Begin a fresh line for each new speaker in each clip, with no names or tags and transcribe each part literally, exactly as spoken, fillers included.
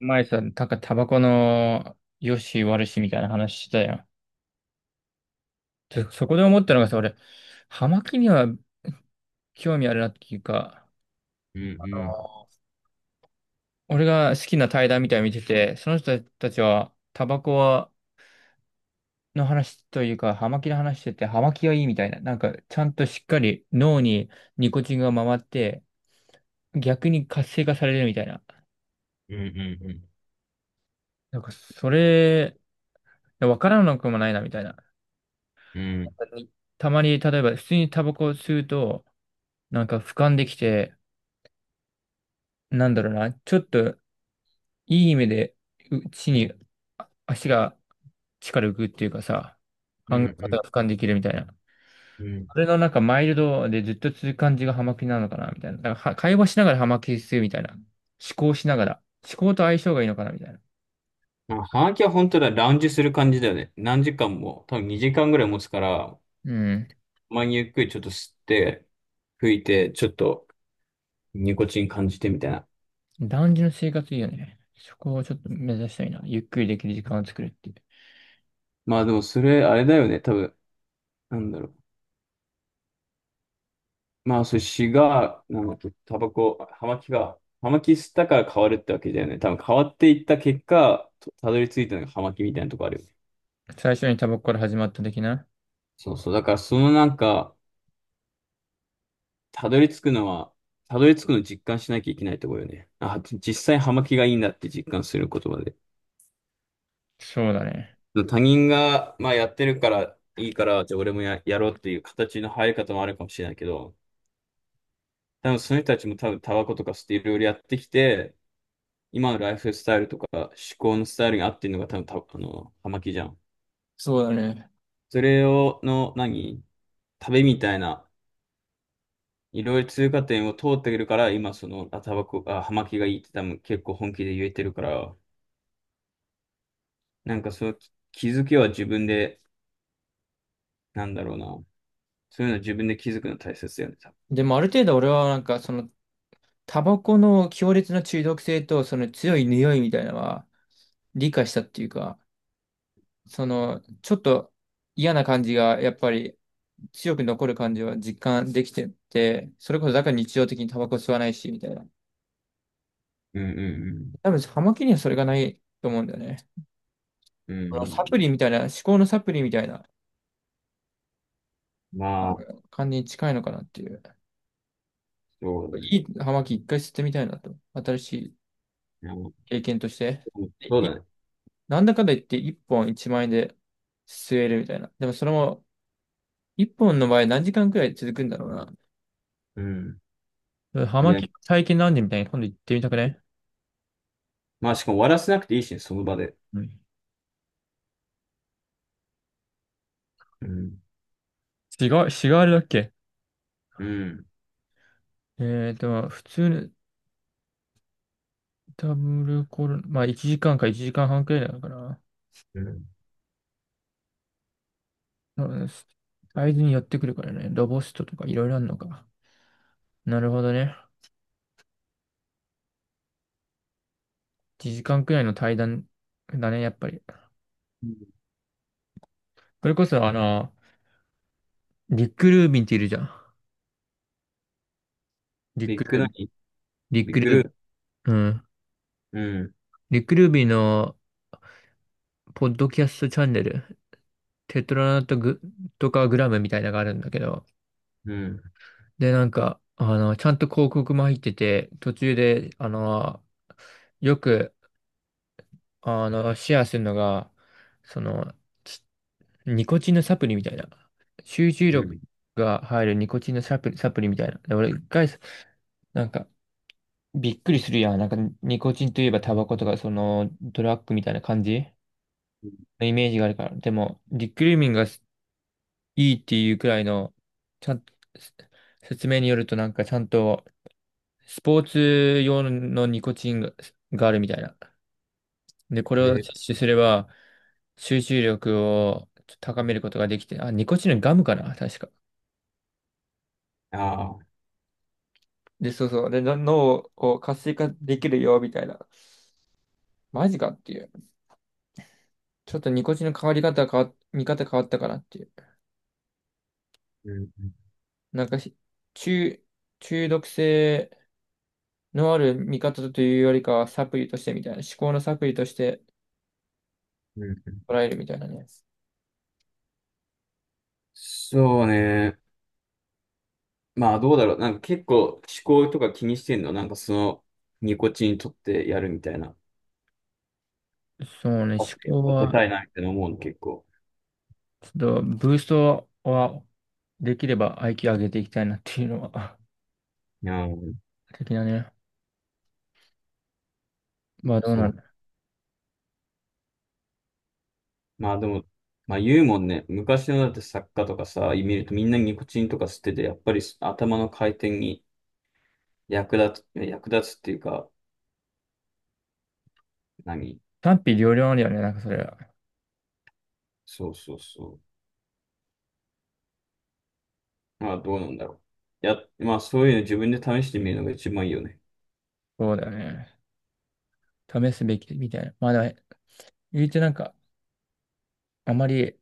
前さ、なんかタバコの良し悪しみたいな話してたやん。でそこで思ったのがさ、俺、葉巻には興味あるなっていうか、
うんうん
俺が好きな対談みたいなの見てて、その人たちはタバコはの話というか、葉巻の話してて、葉巻がいいみたいな、なんかちゃんとしっかり脳にニコチンが回って、逆に活性化されるみたいな。
うん
なんかそれ、わからなくもないなみたいな。
うんうん
たまに、例えば普通にタバコを吸うと、なんか俯瞰できて、なんだろうな、ちょっといい意味で、う地にあ足が力浮くっていうかさ、
う
考え
んう
方
ん
が俯瞰できるみたいな。
うん。
それのなんかマイルドでずっと続く感じがハマキなのかなみたいな。なんかは会話しながらハマキするみたいな。思考しながら。思考と相性がいいのかなみたいな。
まあ、ハガキは本当だ、ラウンジする感じだよね。何時間も、多分にじかんぐらい持つから、
うん。
まにゆっくりちょっと吸って、吹いて、ちょっとニコチン感じてみたいな。
男児の生活いいよね。そこをちょっと目指したいな。ゆっくりできる時間を作るっていう。
まあでもそれ、あれだよね、多分、なんだろう。まあそれ、シガー、なんだっけ、タバコ、ハマキが、ハマキ吸ったから変わるってわけだよね。多分変わっていった結果、とたどり着いたのがハマキみたいなとこあるよね。
最初にタバコから始まった的な。
そうそう。だからそのなんか、たどり着くのは、たどり着くの実感しなきゃいけないところよね。あ、実際葉巻がいいんだって実感することまで。
そうだね。
他人が、まあ、やってるからいいから、じゃあ俺もや、やろうっていう形の入り方もあるかもしれないけど、多分その人たちも多分タバコとかステいろいろやってきて、今のライフスタイルとか思考のスタイルに合ってるのが多分た、あの、葉巻じゃん。
そうだね。
それを、の、何旅みたいな、いろいろ通過点を通ってくるから、今その、あ、タバコ、あ、葉巻がいいって多分結構本気で言えてるから、なんかそう、き気づきは自分で、なんだろうな。そういうの自分で気づくの大切だよね、多分。
でもある程度俺はなんかそのタバコの強烈な中毒性と、その強い匂いみたいなのは理解したっていうか、その、ちょっと嫌な感じが、やっぱり強く残る感じは実感できてて、それこそだから日常的にタバコ吸わないし、みたいな。
うん
多分、葉巻にはそれがないと思うんだよね。
うんうん。う
こ
んう
のサプリ
ん。
みたいな、思考のサプリみたいな、
ま
あ
あ、
の、感じに近いのかなっていう。
そうだね。
いい葉巻一回吸ってみたいなと。新しい
いやもう
経験として。で
そうだ
い
ね。
なんだかんだ言っていっぽんいちまん円で吸えるみたいな。でもそれも、一本の場合何時間くらい続くんだろう
うん。
な。ハ
い
マ
や、
キ体験なんでみたいに今度行ってみたくね？
まあしかも終わらせなくていいしね、その場で。
うん。
うん。
違う、違う、あれだっけ？
うん。
えーと、普通のダブルコロナ、まあいちじかんかいちじかんはんくらいなのかな。
うん。
うん。サイズに寄ってくるからね。ロボストとかいろいろあるのか。なるほどね。いちじかんくらいの対談だね、やっぱり。
うん、
それこそあの、リック・ルービンっているじゃん。リッ
ビ
ク・
ッ
ル
グ
ービ
何
ン。リッ
ビ
ク・
ッグ
ルー
ル
ビ
ー。
ン。うん。
うん、
リック・ルービンのポッドキャストチャンネル。テトラナットグとかグラムみたいなのがあるんだけど、
うん、
で、なんか、あの、ちゃんと広告も入ってて、途中で、あの、よく、あの、シェアするのが、その、ちニコチンのサプリみたいな、集中
うん。
力が入るニコチンのサプリ、サプリみたいな。で、俺一回、なんか、びっくりするやん。なんか、ニコチンといえばタバコとか、その、ドラッグみたいな感じのイメージがあるから。でも、リクルーミンがいいっていうくらいの、ちゃん、説明によるとなんかちゃんとスポーツ用のニコチンが、があるみたいな。で、これを
え、
摂取すれば集中力を高めることができて、あ、ニコチンのガムかな、確か。
ああ、
で、そうそう。で、の脳を活性化できるよ、みたいな。マジかっていう。ちょっとニコチンの変わり方変わ、見方変わったかなっていう。
うん、
なんかし、中、中毒性のある見方というよりかはサプリとしてみたいな。思考のサプリとして、
うん、うん。
捉えるみたいなね。
そうね。まあ、どうだろう。なんか結構思考とか気にしてんのなんかその、ニコチン取ってやるみたいな。
そうね、
あ
思考
当てた
は、
いな、みたいな思うの結構。
ちょっと、ブーストは、できれば アイキュー 上げていきたいなっていうのは、
うん、
的なね。まあどうな
そ
る。
う。まあでも、まあ言うもんね。昔のだって作家とかさ、見るとみんなニコチンとか吸ってて、やっぱり頭の回転に役立つ、役立つっていうか、何
賛否両論あるよね、なんかそれは。
そうそうそう。まあ、どうなんだろう。や、まあ、そういうの自分で試してみるのが一番いいよね。
そうだよね。試すべきみたいな。まあだ、言うてなんか、あまり、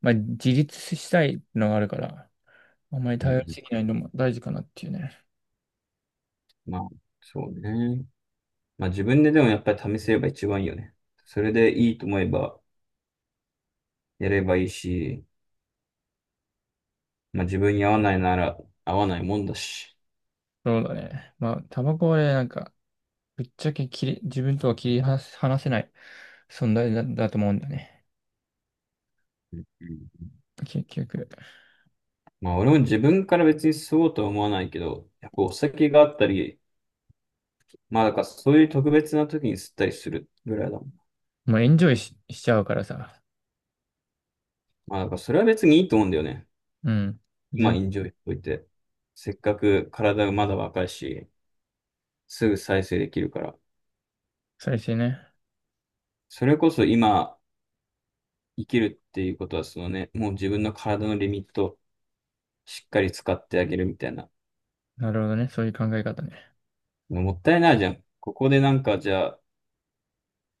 まあ自立したいのがあるから、あまり
うんう
頼り
ん。
すぎないのも大事かなっていうね。
まあ、そうね。まあ、自分ででもやっぱり試せれば一番いいよね。それでいいと思えばやればいいし、まあ、自分に合わないなら合わないもんだし。
そうだね。まあ、タバコはね、なんか、ぶっちゃけ切り、自分とは切り離せ離せない存在だ、だと思うんだね。
うん。
結局。
まあ、俺も自分から別に吸おうとは思わないけど、やっぱお酒があったり、まあ、だからそういう特別な時に吸ったりするぐらいだもん。
もうエンジョイし、しちゃうからさ。
まあ、だからそれは別にいいと思うんだよね。
うん。
今、エ
全、
ンジョイしといて。せっかく体がまだ若いし。すぐ再生できるから。
再生ね。
それこそ今生きるっていうことは、そのね、もう自分の体のリミットをしっかり使ってあげるみたいな。
なるほどね。そういう考え方ね。
もったいないじゃん。ここでなんかじゃあ、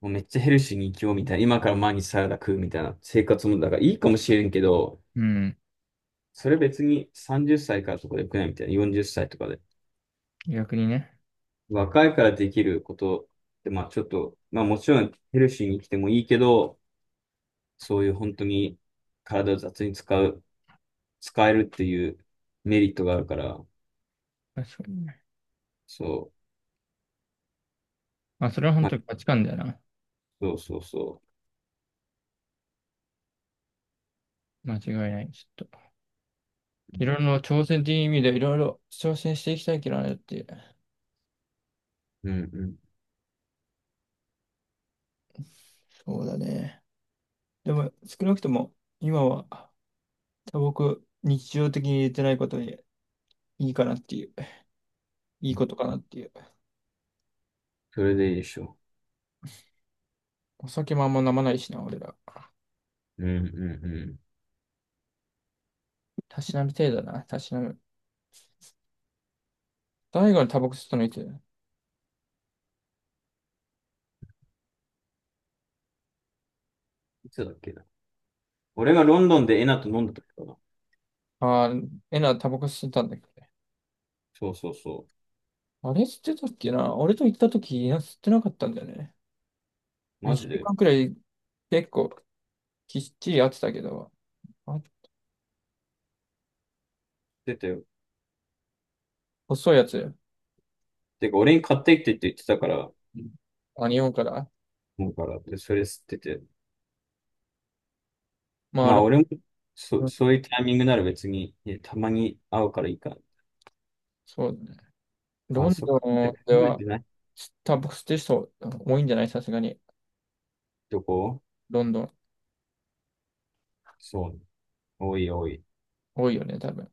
もうめっちゃヘルシーに生きようみたいな。今から毎日サラダ食うみたいな生活もだからいいかもしれんけど、
うん。
それ別にさんじゅっさいからとかでよくないみたいな。よんじゅっさいとかで。
逆にね。
若いからできることって、まあちょっと、まあもちろんヘルシーに生きてもいいけど、そういう本当に体を雑に使う。使えるっていうメリットがあるから、
確かにね。
そ
まあ、
う、
それは本
ま
当に
あ、
価値観だよな。
そうそうそ
間違いない。ちょっと。いろいろ挑戦という意味でいろいろ挑戦していきたいけどねっていう。
う。うんうん。
そうだね。でも、少なくとも、今は、多僕、日常的に入れてないことでいいかなっていう。いいことかなっていう。
それでいいでしょ
お酒もあんま飲まないしな、俺ら。
う。うんうんう
たしなむ程度だな。たしなむ。大悟のタバコ吸ったのいつ？
ん。いつだっけな。俺がロンドンでエナと飲んだ時かな。
あー、エナタバコ吸ってたんだけどね。
そうそうそ
あれ吸ってたっけな俺と行った時、いや、吸ってなかったんだよね。
う。マジ
2週
で。
間くらい結構きっちりやってたけど、あ、
出てよ。
細いやつ。
てか、俺に買ってきてって言ってたから、
うん。あ、日本から。
もうから、で、それ吸ってて。
まあ、
まあ、
ロ
俺も、そ、
ン、
そういうタイミングなら別に、ねたまに会うからいいか。
そうだね。
まあ、
ロン
そ
ド
こまで考
ンで
えて
は、
ない
タバコ吸ってる人多いんじゃないさすがに。
とこ
ロンドン。
そう。多い多い。
多いよね、多分。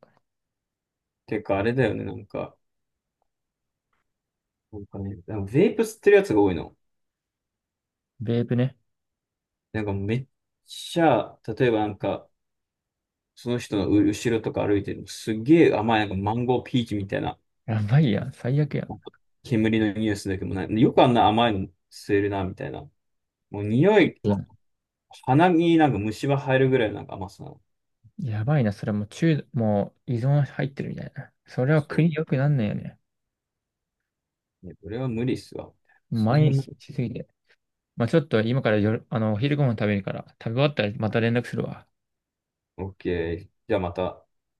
てか、あれだよね、なんか。なんかね、でもベイプ吸ってるやつが多いの。
ベープね。
なんかめっちゃ、例えばなんか、その人の後ろとか歩いてるの、すげえ甘い、なんかマンゴーピーチみたいな、
やばいやん。最悪やん。
なんか煙のニュースだけどもない、よくあんな甘いの吸えるな、みたいな。もう匂い、
いや、
鼻になんか虫歯入るぐらいなんか甘さなの。
やばいな。それもう中、もう依存入ってるみたいな。それは
そう。
国良くなんないよね。
いや、これは無理っすわ。そ
毎
んな、
日しすぎて。まあちょっと今からよる、あの、お昼ご飯食べるから、食べ終わったらまた連絡するわ。
オッケー。じゃあまた。